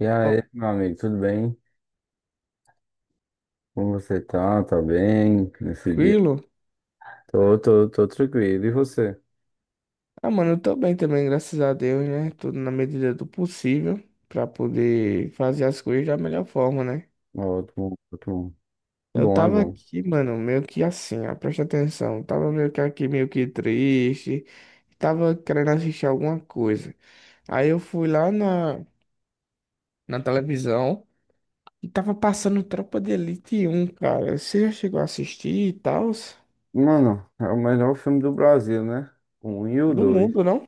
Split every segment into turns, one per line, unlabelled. E
Ô,
aí, meu amigo, tudo bem? Como você tá? Tá bem nesse dia?
tranquilo?
Tô tranquilo. E você?
Ah, mano, eu tô bem também, graças a Deus, né? Tudo na medida do possível pra poder fazer as coisas da melhor forma, né?
Ótimo, ótimo. É
Eu
bom, é
tava
bom.
aqui, mano, meio que assim, ó, presta atenção. Eu tava meio que aqui, meio que triste. Tava querendo assistir alguma coisa. Aí eu fui lá na televisão e tava passando Tropa de Elite um, cara. Você já chegou a assistir e tal?
Mano, é o melhor filme do Brasil, né? O um e o
Do
dois.
mundo, não?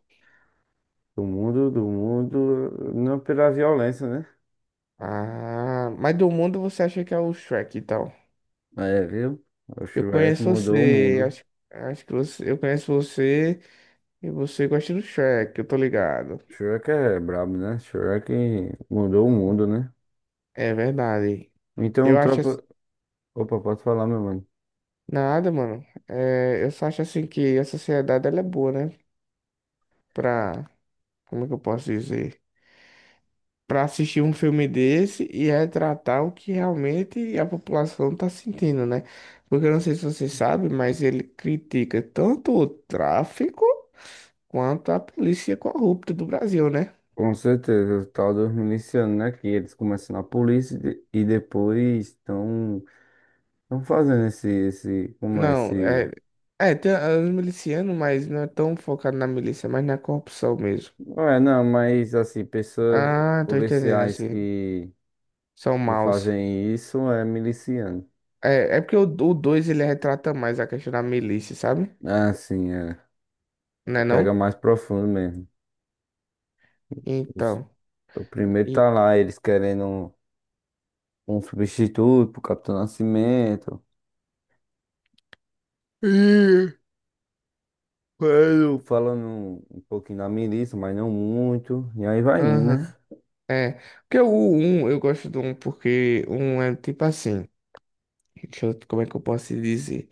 Do mundo, não pela violência, né?
Ah, mas do mundo você acha que é o Shrek e tal?
É, viu? O
Eu
Shrek
conheço
mudou o
você,
mundo.
acho, eu conheço você e você gosta do Shrek, eu tô ligado.
Shrek é brabo, né? Shrek mudou o mundo, né?
É verdade.
Então,
Eu acho ass-
tropa. Opa, pode falar, meu mano?
Nada, mano. É, eu só acho assim que a sociedade ela é boa, né? Pra, Como é que eu posso dizer? Pra assistir um filme desse e retratar o que realmente a população tá sentindo, né? Porque eu não sei se você sabe, mas ele critica tanto o tráfico quanto a polícia corrupta do Brasil, né?
Com certeza, o tal dos milicianos, né? Que eles começam na polícia e depois estão estão fazendo esse, como é,
Não, é.
esse...
É, tem os milicianos, mas não é tão focado na milícia, mas na corrupção mesmo.
Não é, não, mas assim, pessoas,
Ah, tô entendendo,
policiais
assim.
que,
São
que
maus.
fazem isso é miliciano.
É porque o dois ele retrata mais a questão da milícia, sabe?
Ah, sim, é.
Não é
Pega
não?
mais profundo mesmo. Os-
Então.
o primeiro
E-
tá lá, eles querendo um substituto pro Capitão Nascimento. Eu falando um pouquinho da milícia, mas não muito. E aí vai indo, né?
Aham. É, porque o um eu gosto do um porque o 1 é tipo assim, como é que eu posso te dizer?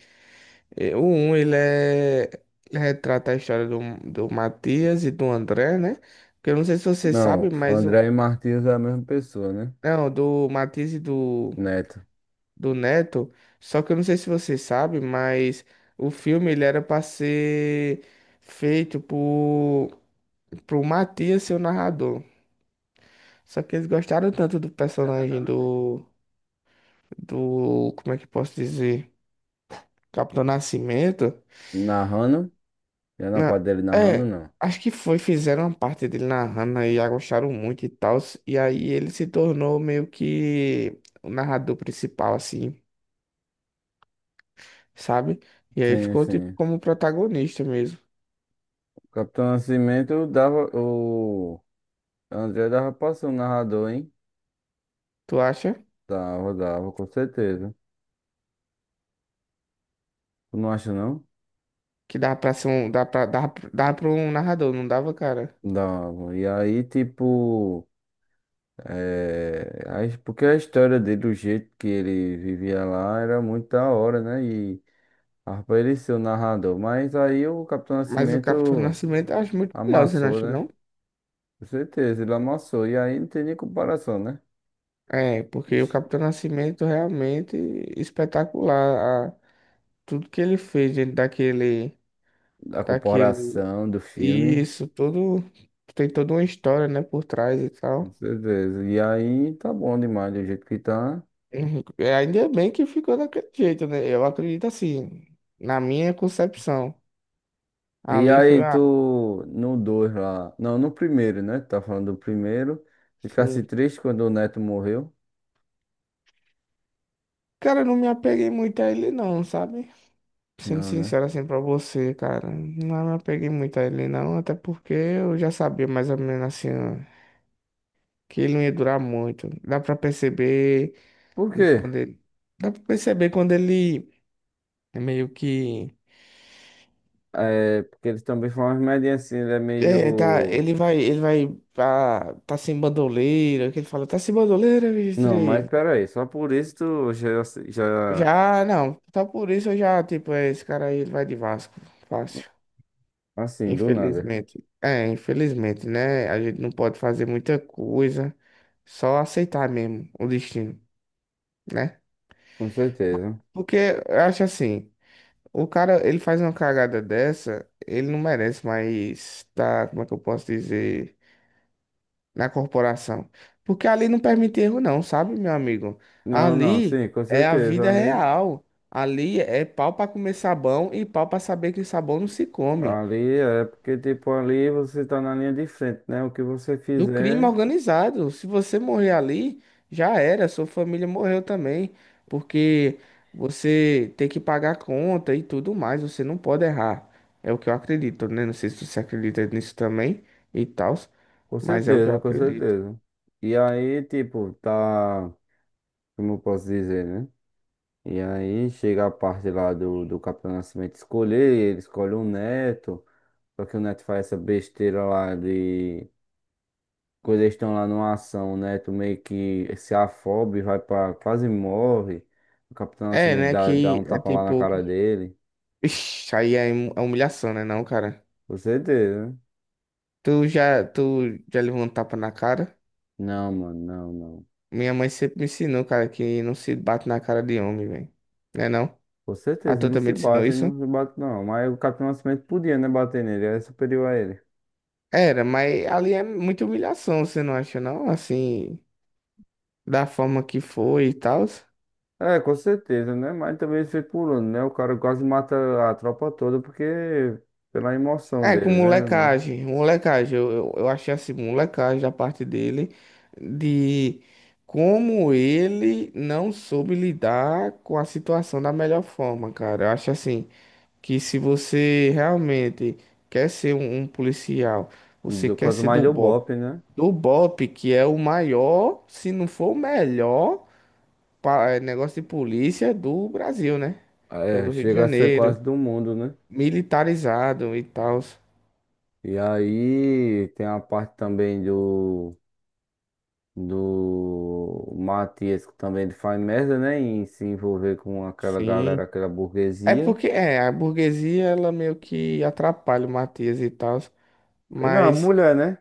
É, o um ele retrata a história do Matias e do André, né? Porque eu não sei se você sabe,
Não,
mas,
André e Martins é a mesma pessoa, né?
não, do Matias e do,
Neto.
do Neto, só que eu não sei se você sabe, mas o filme, ele era para ser feito pro Matias ser o narrador. Só que eles gostaram tanto do personagem do, como é que eu posso dizer? Capitão Nascimento?
Narrando? Já na
Não,
parte dele narrando,
é,
não.
acho que foi, fizeram uma parte dele narrando aí, gostaram muito e tal. E aí ele se tornou meio que o narrador principal, assim, sabe? E aí
Sim,
ficou tipo
sim.
como protagonista mesmo.
Capitão Nascimento dava. O André dava pra ser um narrador, hein?
Tu acha
Dava, dava, com certeza. Tu não acha, não?
que dá pra ser um. Dá pra um narrador, não dava, cara?
Dava. E aí, tipo. Porque a história dele, o jeito que ele vivia lá, era muito da hora, né? E dava pra ele ser o narrador. Mas aí o Capitão
Mas o Capitão
Nascimento
Nascimento eu acho muito melhor, você não
amassou,
acha,
né?
não?
Com certeza, ele amassou. E aí não tem nem comparação, né?
É, porque o Capitão Nascimento realmente espetacular. Tudo que ele fez dentro daquele,
A
daquele
comparação do
E
filme,
isso tudo tem toda uma história, né, por trás e
com
tal.
certeza. E aí tá bom demais do jeito que tá.
Uhum. É, ainda bem que ficou daquele jeito, né? Eu acredito assim, na minha concepção.
E
Ali foi
aí
a.
tu, no 2 lá, não, no primeiro, né? Tá falando do primeiro. Ficasse
Sim.
triste quando o Neto morreu?
Cara, eu não me apeguei muito a ele, não, sabe? Sendo
Não, né?
sincero assim pra você, cara. Não me apeguei muito a ele, não. Até porque eu já sabia mais ou menos assim, ó, que ele não ia durar muito.
Por quê?
Quando ele. Dá pra perceber quando ele meio que.
É, porque ele também foi uma remédio assim, ele é
É, tá,
meio...
ele vai, tá sem bandoleira, que ele fala, tá sem bandoleira,
Não, mas
Mistrei?
pera aí só por isso tu já,
Já, não, tá por isso eu já, tipo, é, esse cara aí, ele vai de Vasco, fácil,
assim, do nada.
infelizmente. É, infelizmente, né, a gente não pode fazer muita coisa, só aceitar mesmo o destino, né?
Com certeza.
Porque eu acho assim, o cara, ele faz uma cagada dessa, ele não merece mais, tá, como é que eu posso dizer... na corporação. Porque ali não permite erro, não, sabe, meu amigo?
Não, não,
Ali
sim, com
é a
certeza,
vida
ali.
real. Ali é pau para comer sabão e pau para saber que sabão não se come.
Ali é porque, tipo, ali você tá na linha de frente, né? O que você
Do crime
fizer,
organizado. Se você morrer ali, já era. Sua família morreu também. Porque você tem que pagar a conta e tudo mais. Você não pode errar. É o que eu acredito, né? Não sei se você acredita nisso também e tal,
com
mas é o que eu
certeza, com
acredito.
certeza. E aí, tipo, tá, como eu posso dizer, né? E aí chega a parte lá do Capitão Nascimento escolher, ele escolhe o neto, só que o neto faz essa besteira lá de. Quando eles estão lá numa ação, o neto meio que se afobe, vai pra. Quase morre. O Capitão
É,
Nascimento
né?
dá
Que
um
é
tapa lá na
tipo.
cara dele.
Ixi, aí é humilhação, né, não, cara?
Com certeza, né?
Tu já levou um tapa na cara?
Não, mano, não, não.
Minha mãe sempre me ensinou, cara, que não se bate na cara de homem, velho. Né, não?
Com
A
certeza,
tua
não
também
se
te ensinou
bate, ele
isso?
não se bate não. Mas o Capitão Nascimento podia, né, bater nele, era superior a ele.
Era, mas ali é muita humilhação, você não acha, não? Assim, da forma que foi e tal.
É, com certeza, né? Mas também ele foi pulando, né? O cara quase mata a tropa toda porque pela emoção
É, com
dele, né, mano?
molecagem, molecagem, eu achei assim, molecagem da parte dele, de como ele não soube lidar com a situação da melhor forma, cara. Eu acho assim, que se você realmente quer ser um policial, você
Do-
quer
Quanto
ser
mais
do
deu
BOP,
bope, né?
que é o maior, se não for o melhor, negócio de polícia do Brasil, né? Que é o
É,
do Rio de
chega a ser
Janeiro,
quase do mundo, né?
militarizado e tal.
E aí tem a parte também do Matias que também ele faz merda, né? Em se envolver com aquela galera,
Sim,
aquela
É
burguesia.
porque é, a burguesia ela meio que atrapalha o Matias e tal,
Não, a
mas
mulher, né?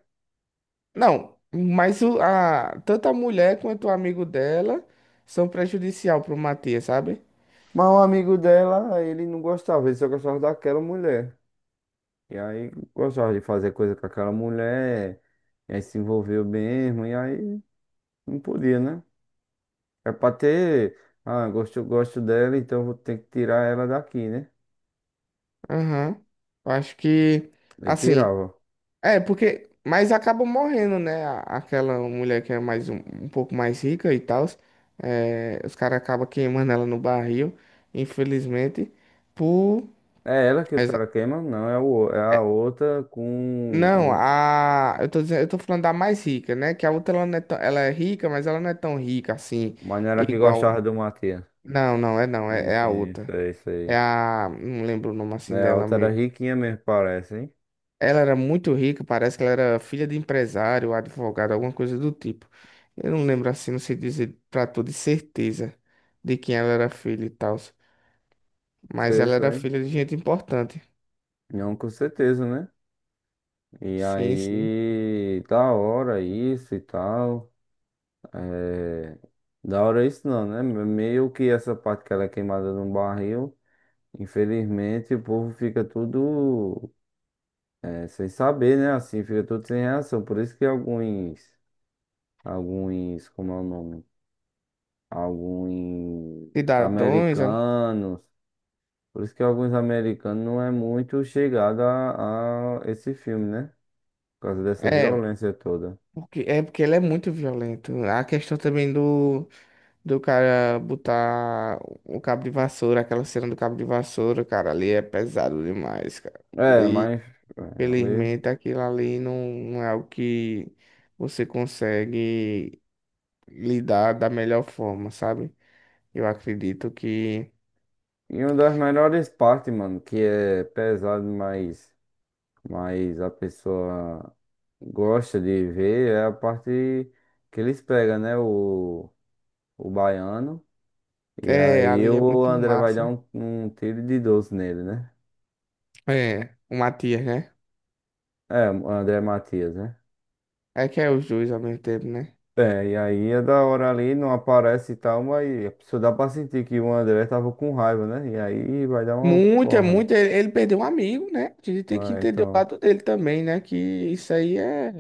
não, tanto a mulher quanto o amigo dela são prejudicial pro Matias, sabe?
Mas um amigo dela, ele não gostava, ele só gostava daquela mulher. E aí gostava de fazer coisa com aquela mulher, e aí se envolveu mesmo, e aí não podia, né? É pra ter, ah, gosto, gosto dela, então vou ter que tirar ela daqui, né?
Aham. Eu acho que
Eu
assim,
tirava.
é porque mas acaba morrendo, né? Aquela mulher que é mais um pouco mais rica e tal, é, os caras acabam queimando ela no barril, infelizmente, por
É ela que os
Exato.
caras queimam? Não, é, o, é a outra com.
Não, a. Eu tô falando da mais rica, né? Que a outra ela não é tão, ela é rica, mas ela não é tão rica assim,
Mas não era a que
igual.
gostava do Matias.
Não, não, é não, é
Isso,
a
isso,
outra.
é isso
É
aí.
a. Não lembro o nome assim
É, a
dela
outra era
mesmo.
riquinha mesmo, parece, hein?
Ela era muito rica, parece que ela era filha de empresário, advogado, alguma coisa do tipo. Eu não lembro assim, não sei dizer pra tu de certeza de quem ela era filha e tal. Mas
Foi
ela
isso
era
aí.
filha de gente importante.
Não, com certeza, né? E
Sim, sim.
aí, da hora isso e tal. É, da hora isso não, né? Meio que essa parte que ela é queimada no barril, infelizmente o povo fica tudo é, sem saber, né? Assim, fica tudo sem reação. Por isso que alguns, alguns, como é o nome? Alguns
Cidadãos,
americanos. Por isso que alguns americanos não é muito chegado a esse filme, né? Por causa dessa
é. é,
violência toda.
Porque, é porque ele é muito violento. A questão também do cara botar o cabo de vassoura, aquela cena do cabo de vassoura, cara, ali é pesado demais, cara.
É,
E,
mas é, ali.
infelizmente, aquilo ali não é o que você consegue lidar da melhor forma, sabe? Eu acredito que.
E uma das melhores partes, mano, que é pesado, mas a pessoa gosta de ver, é a parte que eles pegam, né? O baiano. E
É,
aí
ali é
o
muito
André vai dar
massa.
um tiro de 12 nele, né?
É, o Matias, né?
É, o André Matias, né?
É que é os dois ao mesmo tempo, né?
É, e aí é da hora ali, não aparece e tal, mas a pessoa dá pra sentir que o André tava com raiva, né? E aí vai dar uma
Muito, é
porra.
muito. Ele perdeu um amigo, né? A gente tem que
Vai,
entender o
então.
lado dele também, né? Que isso aí é.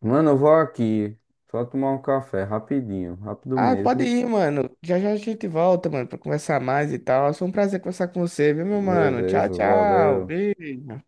Mano, eu vou aqui. Só tomar um café, rapidinho, rápido
Ah, pode
mesmo.
ir, mano. Já já a gente volta, mano, pra conversar mais e tal. Foi um prazer conversar com você, viu, meu mano? Tchau,
Beleza,
tchau.
valeu.
Beijo.